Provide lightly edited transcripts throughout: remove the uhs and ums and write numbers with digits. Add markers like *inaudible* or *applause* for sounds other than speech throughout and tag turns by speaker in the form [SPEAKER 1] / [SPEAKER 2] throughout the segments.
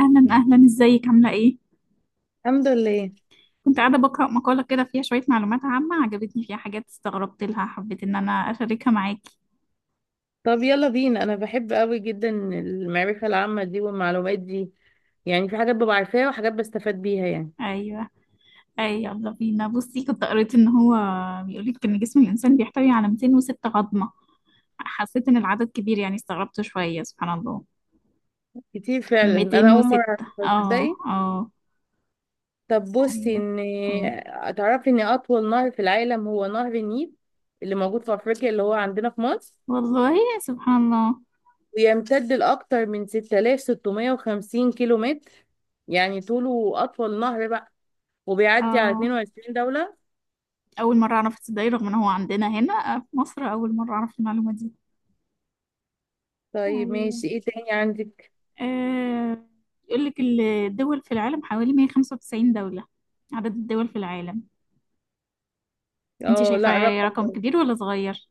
[SPEAKER 1] أهلا أهلا، إزيك؟ عاملة إيه؟
[SPEAKER 2] الحمد لله.
[SPEAKER 1] كنت قاعدة بقرأ مقالة كده، فيها شوية معلومات عامة. عجبتني، فيها حاجات استغربت لها، حبيت إن أنا أشاركها معاكي.
[SPEAKER 2] طب يلا بينا، انا بحب قوي جدا المعرفة العامة دي والمعلومات دي. يعني في حاجات ببقى عارفاها وحاجات بستفاد بيها يعني.
[SPEAKER 1] أيوه، أيوه، يلا بينا. بصي، كنت قريت إن هو بيقولك إن جسم الإنسان بيحتوي على 206 عظمة. حسيت إن العدد كبير، يعني استغربت شوية. سبحان الله.
[SPEAKER 2] كتير فعلا، انا اول مرة
[SPEAKER 1] 206.
[SPEAKER 2] اعرف،
[SPEAKER 1] آه،
[SPEAKER 2] تصدقي.
[SPEAKER 1] آه.
[SPEAKER 2] طب بصي،
[SPEAKER 1] أيوه، أوه.
[SPEAKER 2] ان تعرفي ان اطول نهر في العالم هو نهر النيل اللي موجود في افريقيا اللي هو عندنا في مصر،
[SPEAKER 1] والله سبحان الله.
[SPEAKER 2] ويمتد لاكثر من 6650 كيلو متر، يعني طوله اطول نهر بقى، وبيعدي على
[SPEAKER 1] آه.
[SPEAKER 2] 22 دولة.
[SPEAKER 1] أول مرة أعرف، تصدقي؟ رغم إن هو عندنا هنا، في مصر، أول مرة أعرف المعلومة دي.
[SPEAKER 2] طيب
[SPEAKER 1] أيوه.
[SPEAKER 2] ماشي، ايه تاني عندك؟
[SPEAKER 1] آه، يقول لك الدول في العالم حوالي 195 دولة. عدد الدول في العالم. انت
[SPEAKER 2] اه
[SPEAKER 1] شايفة
[SPEAKER 2] لا،
[SPEAKER 1] رقم
[SPEAKER 2] رقم.
[SPEAKER 1] كبير ولا صغير؟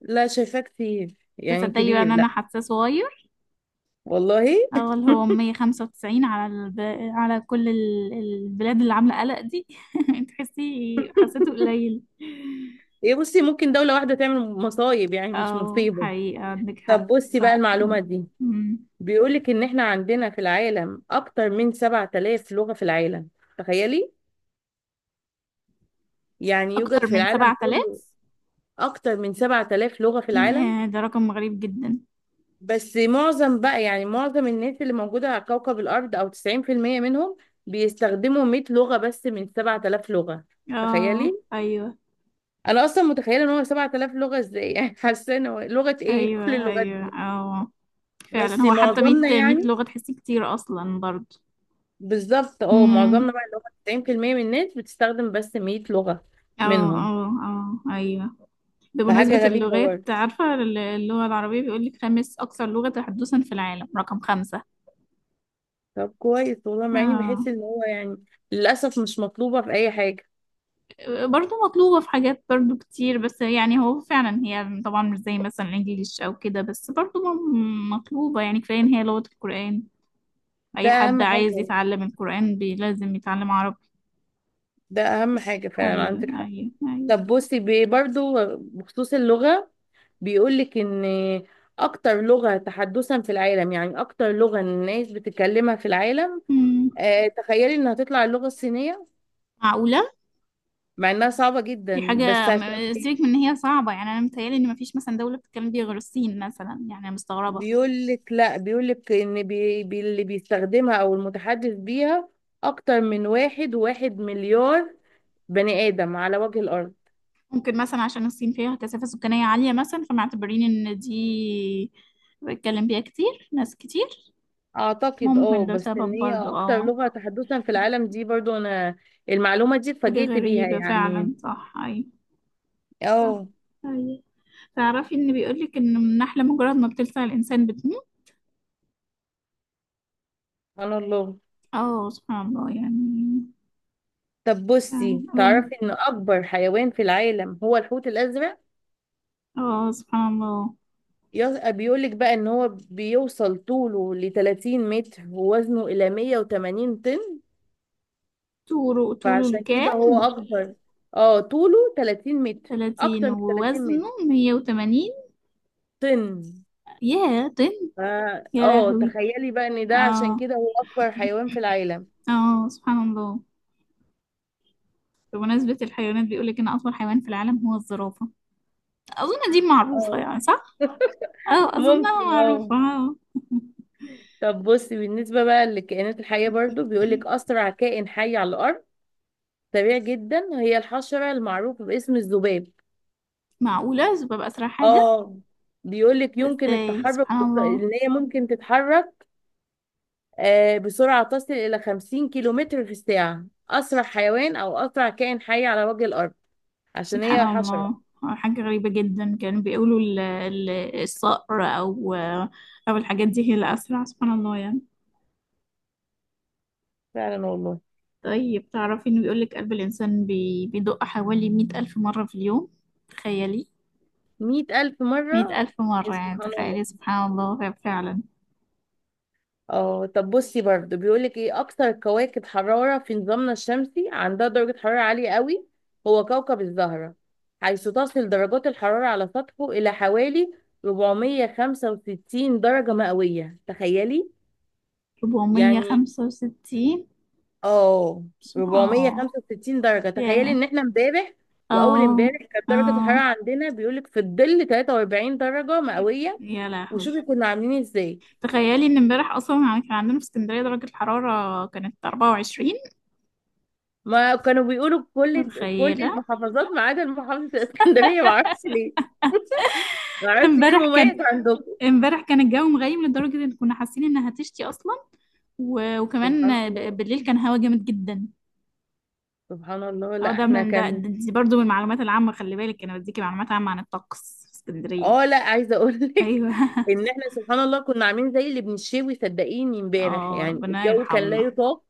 [SPEAKER 2] لا، شايفاه كتير يعني،
[SPEAKER 1] تصدقي بقى ان
[SPEAKER 2] كبير لا.
[SPEAKER 1] انا حاساه صغير.
[SPEAKER 2] والله *laughs*
[SPEAKER 1] اه، اللي هو 195 على على كل البلاد اللي عاملة قلق دي. *laughs* تحسي؟ حسيته قليل.
[SPEAKER 2] ايه بصي، ممكن دولة واحدة تعمل مصايب، يعني مش
[SPEAKER 1] اه،
[SPEAKER 2] مصيبة.
[SPEAKER 1] حقيقة عندك
[SPEAKER 2] طب
[SPEAKER 1] حق.
[SPEAKER 2] بصي بقى
[SPEAKER 1] صح.
[SPEAKER 2] المعلومة
[SPEAKER 1] مم.
[SPEAKER 2] دي،
[SPEAKER 1] مم.
[SPEAKER 2] بيقولك ان احنا عندنا في العالم اكتر من 7000 لغة في العالم، تخيلي. يعني يوجد
[SPEAKER 1] اكتر
[SPEAKER 2] في
[SPEAKER 1] من
[SPEAKER 2] العالم كله
[SPEAKER 1] 7000.
[SPEAKER 2] اكتر من 7000 لغة في العالم.
[SPEAKER 1] ياه، ده رقم غريب جدا.
[SPEAKER 2] بس معظم بقى، يعني معظم الناس اللي موجودة على كوكب الارض، او 90% منهم، بيستخدموا 100 لغة بس من 7000 لغة،
[SPEAKER 1] اه،
[SPEAKER 2] تخيلي.
[SPEAKER 1] ايوه،
[SPEAKER 2] انا اصلا متخيله ان هو 7000 لغه ازاي، يعني *laughs* حاسه إن هو لغه ايه كل
[SPEAKER 1] ايوه،
[SPEAKER 2] اللغات
[SPEAKER 1] ايوه.
[SPEAKER 2] دي.
[SPEAKER 1] اه، فعلا.
[SPEAKER 2] بس
[SPEAKER 1] هو حتى 100
[SPEAKER 2] معظمنا
[SPEAKER 1] 100
[SPEAKER 2] يعني،
[SPEAKER 1] لغة، تحسي كتير أصلا برضه.
[SPEAKER 2] بالظبط، اه معظمنا
[SPEAKER 1] امم
[SPEAKER 2] بقى اللي هو 90% من الناس بتستخدم بس 100 لغه
[SPEAKER 1] اه،
[SPEAKER 2] منهم،
[SPEAKER 1] اه، اه، ايوه. ده
[SPEAKER 2] فحاجه
[SPEAKER 1] بمناسبة
[SPEAKER 2] غريبه
[SPEAKER 1] اللغات،
[SPEAKER 2] برضه.
[SPEAKER 1] عارفة؟ اللغة العربية بيقولك خامس أكثر لغة تحدثا في العالم. رقم خمسة.
[SPEAKER 2] طب كويس والله، مع اني بحس
[SPEAKER 1] اه،
[SPEAKER 2] ان هو يعني، للاسف مش مطلوبه في اي حاجه.
[SPEAKER 1] برضه مطلوبة في حاجات برضه كتير. بس يعني هو فعلا، هي طبعا مش زي مثلا الإنجليش أو كده، بس برضه مطلوبة. يعني كفاية إن هي لغة القرآن.
[SPEAKER 2] ده
[SPEAKER 1] أي حد
[SPEAKER 2] اهم
[SPEAKER 1] عايز
[SPEAKER 2] حاجه،
[SPEAKER 1] يتعلم القرآن لازم يتعلم عربي.
[SPEAKER 2] ده اهم حاجه فعلا،
[SPEAKER 1] أيوه،
[SPEAKER 2] عندك حق.
[SPEAKER 1] أيوه، أيوه.
[SPEAKER 2] طب بصي، برضو بخصوص اللغه، بيقول لك ان اكتر لغه تحدثا في العالم، يعني اكتر لغه الناس بتتكلمها في العالم،
[SPEAKER 1] مم.
[SPEAKER 2] تخيلي انها تطلع اللغة الصينية.
[SPEAKER 1] معقولة؟
[SPEAKER 2] مع انها صعبة
[SPEAKER 1] دي
[SPEAKER 2] جدا، بس
[SPEAKER 1] حاجة.
[SPEAKER 2] عشان
[SPEAKER 1] سيبك من ان هي صعبة. يعني انا متهيألي ان مفيش مثلا دولة بتتكلم بيها غير الصين مثلا، يعني أنا مستغربة.
[SPEAKER 2] بيقول لك لا، بيقول لك ان بي بي اللي بيستخدمها او المتحدث بيها اكتر من واحد وواحد مليار بني ادم على وجه الارض.
[SPEAKER 1] ممكن مثلا عشان الصين فيها كثافة سكانية عالية مثلا، فمعتبرين ان دي بتتكلم بيها كتير، ناس كتير.
[SPEAKER 2] اعتقد اه،
[SPEAKER 1] ممكن ده
[SPEAKER 2] بس ان
[SPEAKER 1] سبب
[SPEAKER 2] هي
[SPEAKER 1] برضو.
[SPEAKER 2] اكتر
[SPEAKER 1] اه.
[SPEAKER 2] لغة تحدثا في العالم دي، برضو انا المعلومة دي
[SPEAKER 1] حاجة
[SPEAKER 2] اتفاجئت بيها
[SPEAKER 1] غريبة
[SPEAKER 2] يعني.
[SPEAKER 1] فعلا، صح. اي. صح.
[SPEAKER 2] اه
[SPEAKER 1] اي. تعرفي ان بيقولك ان النحلة مجرد ما بتلسع الانسان بتموت.
[SPEAKER 2] سبحان الله.
[SPEAKER 1] اه، سبحان الله يعني.
[SPEAKER 2] طب
[SPEAKER 1] فعلا،
[SPEAKER 2] بصي،
[SPEAKER 1] أقول.
[SPEAKER 2] تعرفي ان اكبر حيوان في العالم هو الحوت الازرق.
[SPEAKER 1] اه، سبحان الله.
[SPEAKER 2] بيقولك بقى ان هو بيوصل طوله ل 30 متر، ووزنه الى 180 طن،
[SPEAKER 1] طوله
[SPEAKER 2] فعشان كده هو
[SPEAKER 1] الكام؟
[SPEAKER 2] اكبر. اه طوله 30 متر،
[SPEAKER 1] 30،
[SPEAKER 2] اكتر من 30
[SPEAKER 1] ووزنه
[SPEAKER 2] متر،
[SPEAKER 1] 180.
[SPEAKER 2] طن.
[SPEAKER 1] ياه، طن.
[SPEAKER 2] ف-
[SPEAKER 1] يا
[SPEAKER 2] اه
[SPEAKER 1] لهوي.
[SPEAKER 2] تخيلي بقى ان ده عشان
[SPEAKER 1] اه،
[SPEAKER 2] كده هو اكبر حيوان في العالم.
[SPEAKER 1] اه، سبحان الله. بمناسبة الحيوانات، بيقولك ان اطول حيوان في العالم هو الزرافة. اظن دي معروفة
[SPEAKER 2] اه
[SPEAKER 1] يعني، صح؟
[SPEAKER 2] *laughs*
[SPEAKER 1] اه، اظنها
[SPEAKER 2] ممكن اه.
[SPEAKER 1] معروفة، اه.
[SPEAKER 2] طب بصي، بالنسبة بقى للكائنات الحية برضو، بيقولك
[SPEAKER 1] *laughs*
[SPEAKER 2] أسرع كائن حي على الأرض، سريع جدا، هي الحشرة المعروفة باسم الذباب.
[SPEAKER 1] معقولة ببقى اسرع حاجة؟
[SPEAKER 2] اه بيقول لك
[SPEAKER 1] ده
[SPEAKER 2] يمكن
[SPEAKER 1] ازاي؟
[SPEAKER 2] التحرك،
[SPEAKER 1] سبحان الله.
[SPEAKER 2] ان هي ممكن تتحرك بسرعه تصل الى 50 كيلومتر في الساعه، اسرع حيوان او اسرع كائن حي على وجه الارض عشان
[SPEAKER 1] سبحان
[SPEAKER 2] هي حشره.
[SPEAKER 1] الله. حاجة غريبة جدا. كانوا بيقولوا الصقر او الحاجات دي هي الاسرع. سبحان الله يعني.
[SPEAKER 2] فعلا والله.
[SPEAKER 1] طيب تعرفي إنه بيقولك قلب الإنسان بيدق حوالي 100,000 مرة في اليوم؟ تخيلي.
[SPEAKER 2] 100000
[SPEAKER 1] مية
[SPEAKER 2] مره،
[SPEAKER 1] ألف مرة، يعني
[SPEAKER 2] سبحان الله.
[SPEAKER 1] تخيلي سبحان الله. فعلا.
[SPEAKER 2] اه طب بصي برضه، بيقولك ايه اكثر كواكب حرارة في نظامنا الشمسي عندها درجة حرارة عالية قوي؟ هو كوكب الزهرة، حيث تصل درجات الحرارة على سطحه الى حوالي 465 درجة مئوية، تخيلي
[SPEAKER 1] ربعمية
[SPEAKER 2] يعني.
[SPEAKER 1] خمسة وستين
[SPEAKER 2] اه
[SPEAKER 1] سبحان الله.
[SPEAKER 2] 465 درجة، تخيلي
[SPEAKER 1] ياه.
[SPEAKER 2] ان احنا امبارح واول
[SPEAKER 1] اه،
[SPEAKER 2] امبارح كانت
[SPEAKER 1] اه.
[SPEAKER 2] درجة الحرارة عندنا، بيقولك في الظل 43 درجة مئوية.
[SPEAKER 1] يا لهوي.
[SPEAKER 2] وشوفي كنا عاملين إيه ازاي.
[SPEAKER 1] تخيلي إن امبارح أصلا يعني كان عندنا في اسكندرية درجة الحرارة كانت 24.
[SPEAKER 2] ما كانوا بيقولوا كل
[SPEAKER 1] متخيلة.
[SPEAKER 2] المحافظات ما عدا محافظة الإسكندرية، ما اعرفش ليه. *laughs* ما
[SPEAKER 1] ده
[SPEAKER 2] اعرفش ايه
[SPEAKER 1] امبارح
[SPEAKER 2] المميز
[SPEAKER 1] كان
[SPEAKER 2] عندكم.
[SPEAKER 1] امبارح كان الجو مغيم لدرجة ان كنا حاسين انها هتشتي اصلا.
[SPEAKER 2] سبحان
[SPEAKER 1] وكمان
[SPEAKER 2] الله.
[SPEAKER 1] بالليل كان هوا جامد جدا.
[SPEAKER 2] سبحان الله،
[SPEAKER 1] اه،
[SPEAKER 2] لا
[SPEAKER 1] ده
[SPEAKER 2] احنا
[SPEAKER 1] من ده
[SPEAKER 2] كان،
[SPEAKER 1] ده- دي برضو من المعلومات العامة. خلي بالك انا بديكي معلومات عامة عن الطقس في اسكندرية.
[SPEAKER 2] اه لا عايزة اقول لك
[SPEAKER 1] ايوه
[SPEAKER 2] *laughs* ان
[SPEAKER 1] *laughs*
[SPEAKER 2] احنا سبحان الله كنا عاملين زي اللي بنشوي، صدقيني امبارح
[SPEAKER 1] اه،
[SPEAKER 2] يعني
[SPEAKER 1] ربنا
[SPEAKER 2] الجو كان لا
[SPEAKER 1] يرحمنا.
[SPEAKER 2] يطاق.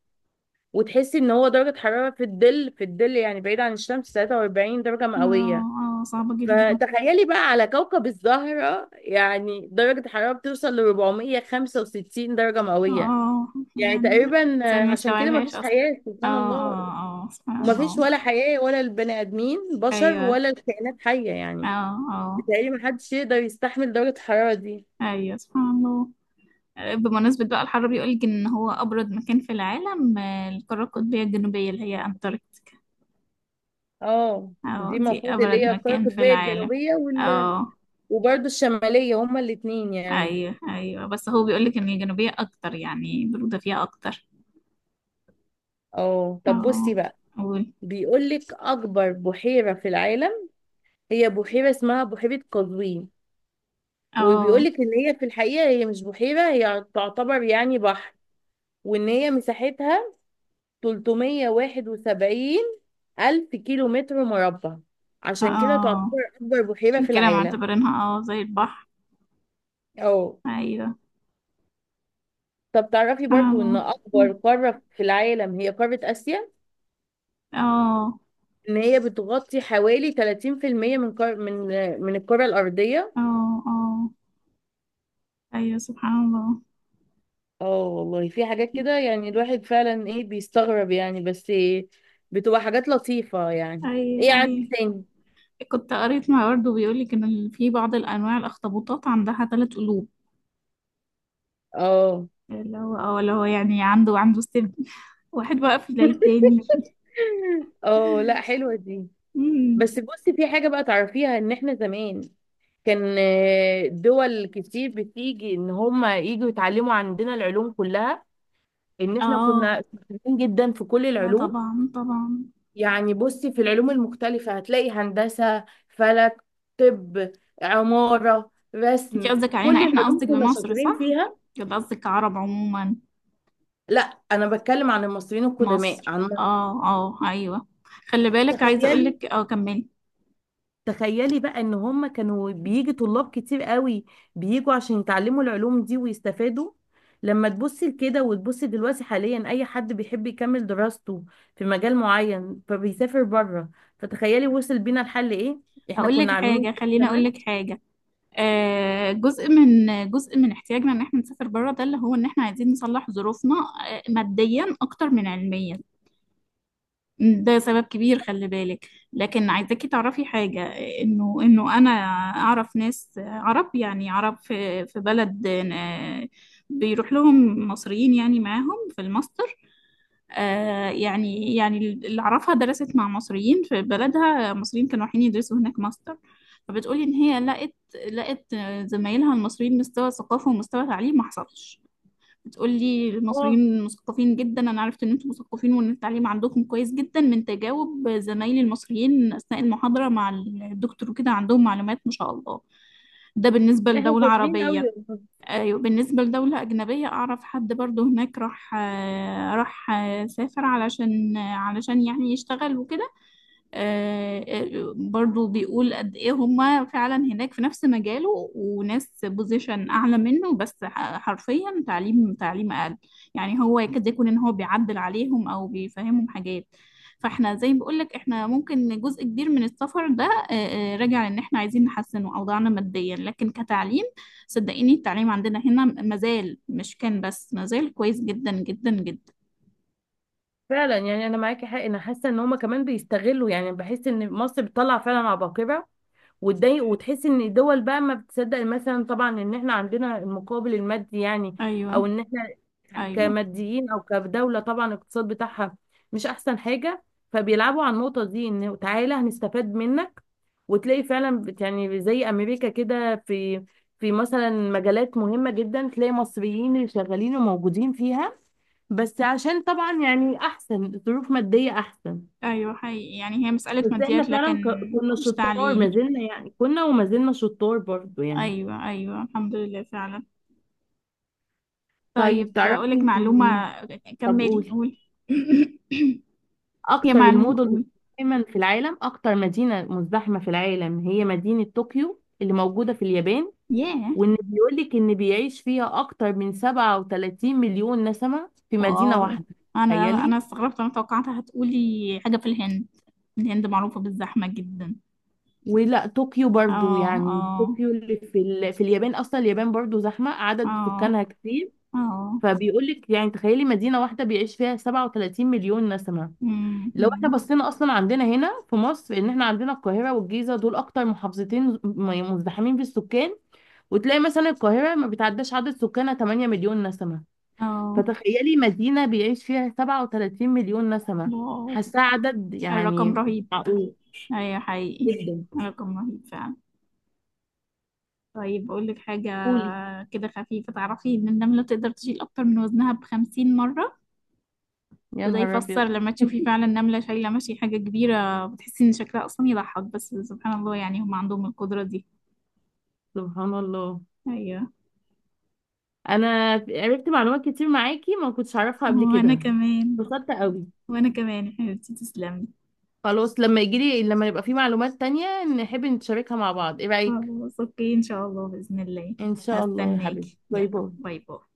[SPEAKER 2] وتحسي ان هو درجة حرارة في الظل، في الظل يعني بعيد عن الشمس، 43 درجة مئوية.
[SPEAKER 1] اه، اه، صعبة جدا.
[SPEAKER 2] فتخيلي بقى على كوكب الزهرة يعني درجة حرارة بتوصل ل 465 درجة مئوية،
[SPEAKER 1] اه،
[SPEAKER 2] يعني
[SPEAKER 1] يعني
[SPEAKER 2] تقريبا
[SPEAKER 1] الانسان ما
[SPEAKER 2] عشان كده
[SPEAKER 1] يستوعبهاش
[SPEAKER 2] مفيش
[SPEAKER 1] اصلا.
[SPEAKER 2] حياة
[SPEAKER 1] اه،
[SPEAKER 2] سبحان الله.
[SPEAKER 1] اه، اه، سبحان
[SPEAKER 2] ومفيش
[SPEAKER 1] الله.
[SPEAKER 2] ولا حياة، ولا البني آدمين بشر،
[SPEAKER 1] ايوه،
[SPEAKER 2] ولا الكائنات حية يعني.
[SPEAKER 1] اه، اه،
[SPEAKER 2] بتهيألي محدش يقدر يستحمل درجة الحرارة دي.
[SPEAKER 1] ايوه، سبحان الله. بمناسبة بقى الحر، بيقول لك ان هو ابرد مكان في العالم القارة القطبية الجنوبية اللي هي انتاركتيكا.
[SPEAKER 2] اه
[SPEAKER 1] اه،
[SPEAKER 2] دي
[SPEAKER 1] دي
[SPEAKER 2] المفروض اللي
[SPEAKER 1] ابرد
[SPEAKER 2] هي القارة
[SPEAKER 1] مكان في
[SPEAKER 2] القطبية
[SPEAKER 1] العالم.
[SPEAKER 2] الجنوبية
[SPEAKER 1] اه،
[SPEAKER 2] وبرضه الشمالية، هما الاتنين يعني.
[SPEAKER 1] ايوه، ايوه. بس هو بيقول لك ان الجنوبيه اكتر، يعني البروده فيها اكتر.
[SPEAKER 2] اه طب بصي
[SPEAKER 1] اه.
[SPEAKER 2] بقى،
[SPEAKER 1] قول.
[SPEAKER 2] بيقولك أكبر بحيرة في العالم هي بحيرة اسمها بحيرة قزوين،
[SPEAKER 1] اه،
[SPEAKER 2] وبيقولك إن هي في الحقيقة هي مش بحيرة، هي تعتبر يعني بحر. وإن هي مساحتها 371 ألف كيلو متر مربع،
[SPEAKER 1] اه،
[SPEAKER 2] عشان كده تعتبر
[SPEAKER 1] آه.
[SPEAKER 2] أكبر بحيرة
[SPEAKER 1] عشان
[SPEAKER 2] في
[SPEAKER 1] كده
[SPEAKER 2] العالم.
[SPEAKER 1] معتبرينها زي البحر.
[SPEAKER 2] أو
[SPEAKER 1] ايوه،
[SPEAKER 2] طب تعرفي
[SPEAKER 1] اه،
[SPEAKER 2] برضو، إن أكبر قارة في العالم هي قارة آسيا،
[SPEAKER 1] اه،
[SPEAKER 2] إن هي بتغطي حوالي 30% من قار... من من الكرة الأرضية.
[SPEAKER 1] اه، اه، ايوه، سبحان الله.
[SPEAKER 2] اه والله في حاجات كده يعني الواحد فعلا إيه بيستغرب يعني، بس إيه بتبقى حاجات لطيفة يعني. إيه
[SPEAKER 1] ايوه،
[SPEAKER 2] عندك
[SPEAKER 1] ايوه.
[SPEAKER 2] تاني؟
[SPEAKER 1] كنت قريت، مع برضه بيقول لك ان في بعض الانواع الاخطبوطات عندها ثلاث قلوب.
[SPEAKER 2] اه
[SPEAKER 1] اللي هو يعني عنده سن، *laughs* واحد واقف زي التاني.
[SPEAKER 2] *laughs* اه لا، حلوة دي.
[SPEAKER 1] أمم.
[SPEAKER 2] بس بصي في حاجة بقى تعرفيها، ان احنا زمان كان دول كتير بتيجي، ان هم يجوا يتعلموا عندنا العلوم كلها، ان
[SPEAKER 1] *laughs*
[SPEAKER 2] احنا
[SPEAKER 1] اه،
[SPEAKER 2] كنا شاطرين جدا في كل
[SPEAKER 1] ايوه،
[SPEAKER 2] العلوم.
[SPEAKER 1] طبعا، طبعا.
[SPEAKER 2] يعني بصي في العلوم المختلفة هتلاقي هندسة، فلك، طب، عمارة،
[SPEAKER 1] انت
[SPEAKER 2] رسم،
[SPEAKER 1] قصدك
[SPEAKER 2] كل
[SPEAKER 1] علينا احنا،
[SPEAKER 2] العلوم
[SPEAKER 1] قصدك
[SPEAKER 2] كنا
[SPEAKER 1] بمصر،
[SPEAKER 2] شاطرين
[SPEAKER 1] صح؟
[SPEAKER 2] فيها.
[SPEAKER 1] يبقى قصدك عرب عموما.
[SPEAKER 2] لا، انا بتكلم عن المصريين القدماء،
[SPEAKER 1] مصر،
[SPEAKER 2] عن مصر.
[SPEAKER 1] اه، اه، ايوه. خلي بالك عايزه اقول
[SPEAKER 2] تخيلي
[SPEAKER 1] لك، كملي.
[SPEAKER 2] تخيلي بقى ان هم كانوا بيجي طلاب كتير قوي، بيجوا عشان يتعلموا العلوم دي ويستفادوا. لما تبصي لكده وتبصي دلوقتي، حاليا اي حد بيحب يكمل دراسته في مجال معين فبيسافر بره. فتخيلي وصل بينا الحل ايه، احنا
[SPEAKER 1] اقول
[SPEAKER 2] كنا
[SPEAKER 1] لك
[SPEAKER 2] عاملين إزاي
[SPEAKER 1] حاجه خليني اقول
[SPEAKER 2] زمان.
[SPEAKER 1] لك حاجه. جزء من احتياجنا ان احنا نسافر بره، ده اللي هو ان احنا عايزين نصلح ظروفنا ماديا اكتر من علميا. ده سبب كبير، خلي بالك. لكن عايزاكي تعرفي حاجة: انه انه انا اعرف ناس عرب، يعني عرب في بلد، بيروح لهم مصريين يعني معاهم في الماستر. يعني اللي اعرفها درست مع مصريين في بلدها. مصريين كانوا رايحين يدرسوا هناك ماستر. فبتقولي ان هي لقت زمايلها المصريين مستوى ثقافة ومستوى تعليم ما حصلش. تقول لي
[SPEAKER 2] اه
[SPEAKER 1] المصريين مثقفين جدا. انا عرفت ان انتم مثقفين وان التعليم عندكم كويس جدا من تجاوب زمايلي المصريين اثناء المحاضره مع الدكتور وكده. عندهم معلومات ما شاء الله. ده بالنسبه
[SPEAKER 2] احنا
[SPEAKER 1] لدوله
[SPEAKER 2] شاطرين قوي
[SPEAKER 1] عربيه.
[SPEAKER 2] والله.
[SPEAKER 1] ايوه. بالنسبه لدوله اجنبيه، اعرف حد برضو هناك راح آه، راح آه، سافر، علشان يعني يشتغل وكده. آه، برضو بيقول قد ايه هما فعلا هناك في نفس مجاله، وناس بوزيشن اعلى منه، بس حرفيا تعليم اقل. يعني هو يكاد يكون ان هو بيعدل عليهم او بيفهمهم حاجات. فاحنا زي ما بقولك، احنا ممكن جزء كبير من السفر ده راجع لان احنا عايزين نحسن اوضاعنا ماديا، لكن كتعليم صدقيني التعليم عندنا هنا مازال. مش كان بس، مازال كويس جدا جدا جدا.
[SPEAKER 2] فعلا، يعني انا معاكي حق، انا حاسه ان هم كمان بيستغلوا، يعني بحس ان مصر بتطلع فعلا عباقرة، وتضايق وتحس ان الدول بقى ما بتصدق مثلا. طبعا ان احنا عندنا المقابل المادي يعني، او
[SPEAKER 1] ايوه،
[SPEAKER 2] ان احنا
[SPEAKER 1] ايوه،
[SPEAKER 2] كماديين، او كدولة طبعا الاقتصاد بتاعها مش احسن حاجة. فبيلعبوا على النقطة دي، ان تعالى هنستفاد منك. وتلاقي فعلا يعني زي امريكا كده، في مثلا مجالات مهمة جدا، تلاقي مصريين اللي شغالين وموجودين فيها، بس عشان طبعا يعني احسن ظروف مادية احسن.
[SPEAKER 1] ايوه، حقيقي. يعني هي مسألة
[SPEAKER 2] بس احنا
[SPEAKER 1] ماديات، لكن
[SPEAKER 2] فعلا كنا
[SPEAKER 1] مش
[SPEAKER 2] شطار، ما
[SPEAKER 1] تعليم.
[SPEAKER 2] زلنا يعني، كنا وما زلنا شطار برضو يعني.
[SPEAKER 1] ايوه، ايوه، الحمد لله فعلا. طيب
[SPEAKER 2] طيب
[SPEAKER 1] اقولك
[SPEAKER 2] تعرفي،
[SPEAKER 1] معلومة.
[SPEAKER 2] طب
[SPEAKER 1] كملي
[SPEAKER 2] قولي،
[SPEAKER 1] قول. *coughs* هي
[SPEAKER 2] اكتر
[SPEAKER 1] معلومة،
[SPEAKER 2] المدن
[SPEAKER 1] قول.
[SPEAKER 2] مزدحما في العالم، اكتر مدينة مزدحمة في العالم هي مدينة طوكيو اللي موجودة في اليابان.
[SPEAKER 1] ياه.
[SPEAKER 2] وان بيقولك ان بيعيش فيها اكتر من 37 مليون نسمة في مدينة
[SPEAKER 1] واو.
[SPEAKER 2] واحدة،
[SPEAKER 1] انا
[SPEAKER 2] تخيلي.
[SPEAKER 1] انا استغربت. انا توقعتها هتقولي حاجة في الهند. الهند معروفة بالزحمة جدا.
[SPEAKER 2] ولا طوكيو برضو،
[SPEAKER 1] اه، اه،
[SPEAKER 2] يعني طوكيو اللي في اليابان، اصلا اليابان برضو زحمة، عدد
[SPEAKER 1] اه،
[SPEAKER 2] سكانها كتير.
[SPEAKER 1] اه.
[SPEAKER 2] فبيقول لك يعني تخيلي مدينة واحدة بيعيش فيها 37 مليون نسمة.
[SPEAKER 1] أمم،
[SPEAKER 2] لو احنا
[SPEAKER 1] أمم.
[SPEAKER 2] بصينا اصلا عندنا هنا في مصر، ان احنا عندنا القاهرة والجيزة، دول اكتر محافظتين مزدحمين بالسكان، وتلاقي مثلا القاهرة ما بتعداش عدد سكانها 8 مليون نسمة.
[SPEAKER 1] اه،
[SPEAKER 2] فتخيلي مدينة بيعيش فيها 37 مليون نسمة،
[SPEAKER 1] واو.
[SPEAKER 2] حاساه عدد
[SPEAKER 1] الرقم
[SPEAKER 2] يعني.
[SPEAKER 1] رهيب.
[SPEAKER 2] معقول
[SPEAKER 1] ايوه حقيقي.
[SPEAKER 2] جدا.
[SPEAKER 1] الرقم رهيب فعلا. طيب أقول لك حاجة
[SPEAKER 2] قولي،
[SPEAKER 1] كده خفيفة. تعرفي إن النملة تقدر تشيل أكتر من وزنها بخمسين مرة؟
[SPEAKER 2] يا
[SPEAKER 1] وده
[SPEAKER 2] نهار
[SPEAKER 1] يفسر
[SPEAKER 2] ابيض
[SPEAKER 1] لما تشوفي
[SPEAKER 2] *laughs*
[SPEAKER 1] فعلا نملة شايلة ماشي حاجة كبيرة، بتحسي إن شكلها أصلا يضحك، بس سبحان الله، يعني هم عندهم القدرة دي.
[SPEAKER 2] سبحان الله.
[SPEAKER 1] أيوه.
[SPEAKER 2] انا عرفت معلومات كتير معاكي ما كنتش اعرفها قبل
[SPEAKER 1] وأنا
[SPEAKER 2] كده،
[SPEAKER 1] كمان.
[SPEAKER 2] اتبسطت قوي.
[SPEAKER 1] وأنا كمان يا حبيبتي، تسلمي.
[SPEAKER 2] خلاص، لما يجيلي، لما يبقى في معلومات تانية، نحب نتشاركها مع بعض، ايه رأيك؟
[SPEAKER 1] خلاص، أوكي، إن شاء الله، بإذن الله.
[SPEAKER 2] ان شاء الله يا حبيبي،
[SPEAKER 1] هستناكي،
[SPEAKER 2] باي
[SPEAKER 1] يلا.
[SPEAKER 2] باي.
[SPEAKER 1] باي باي.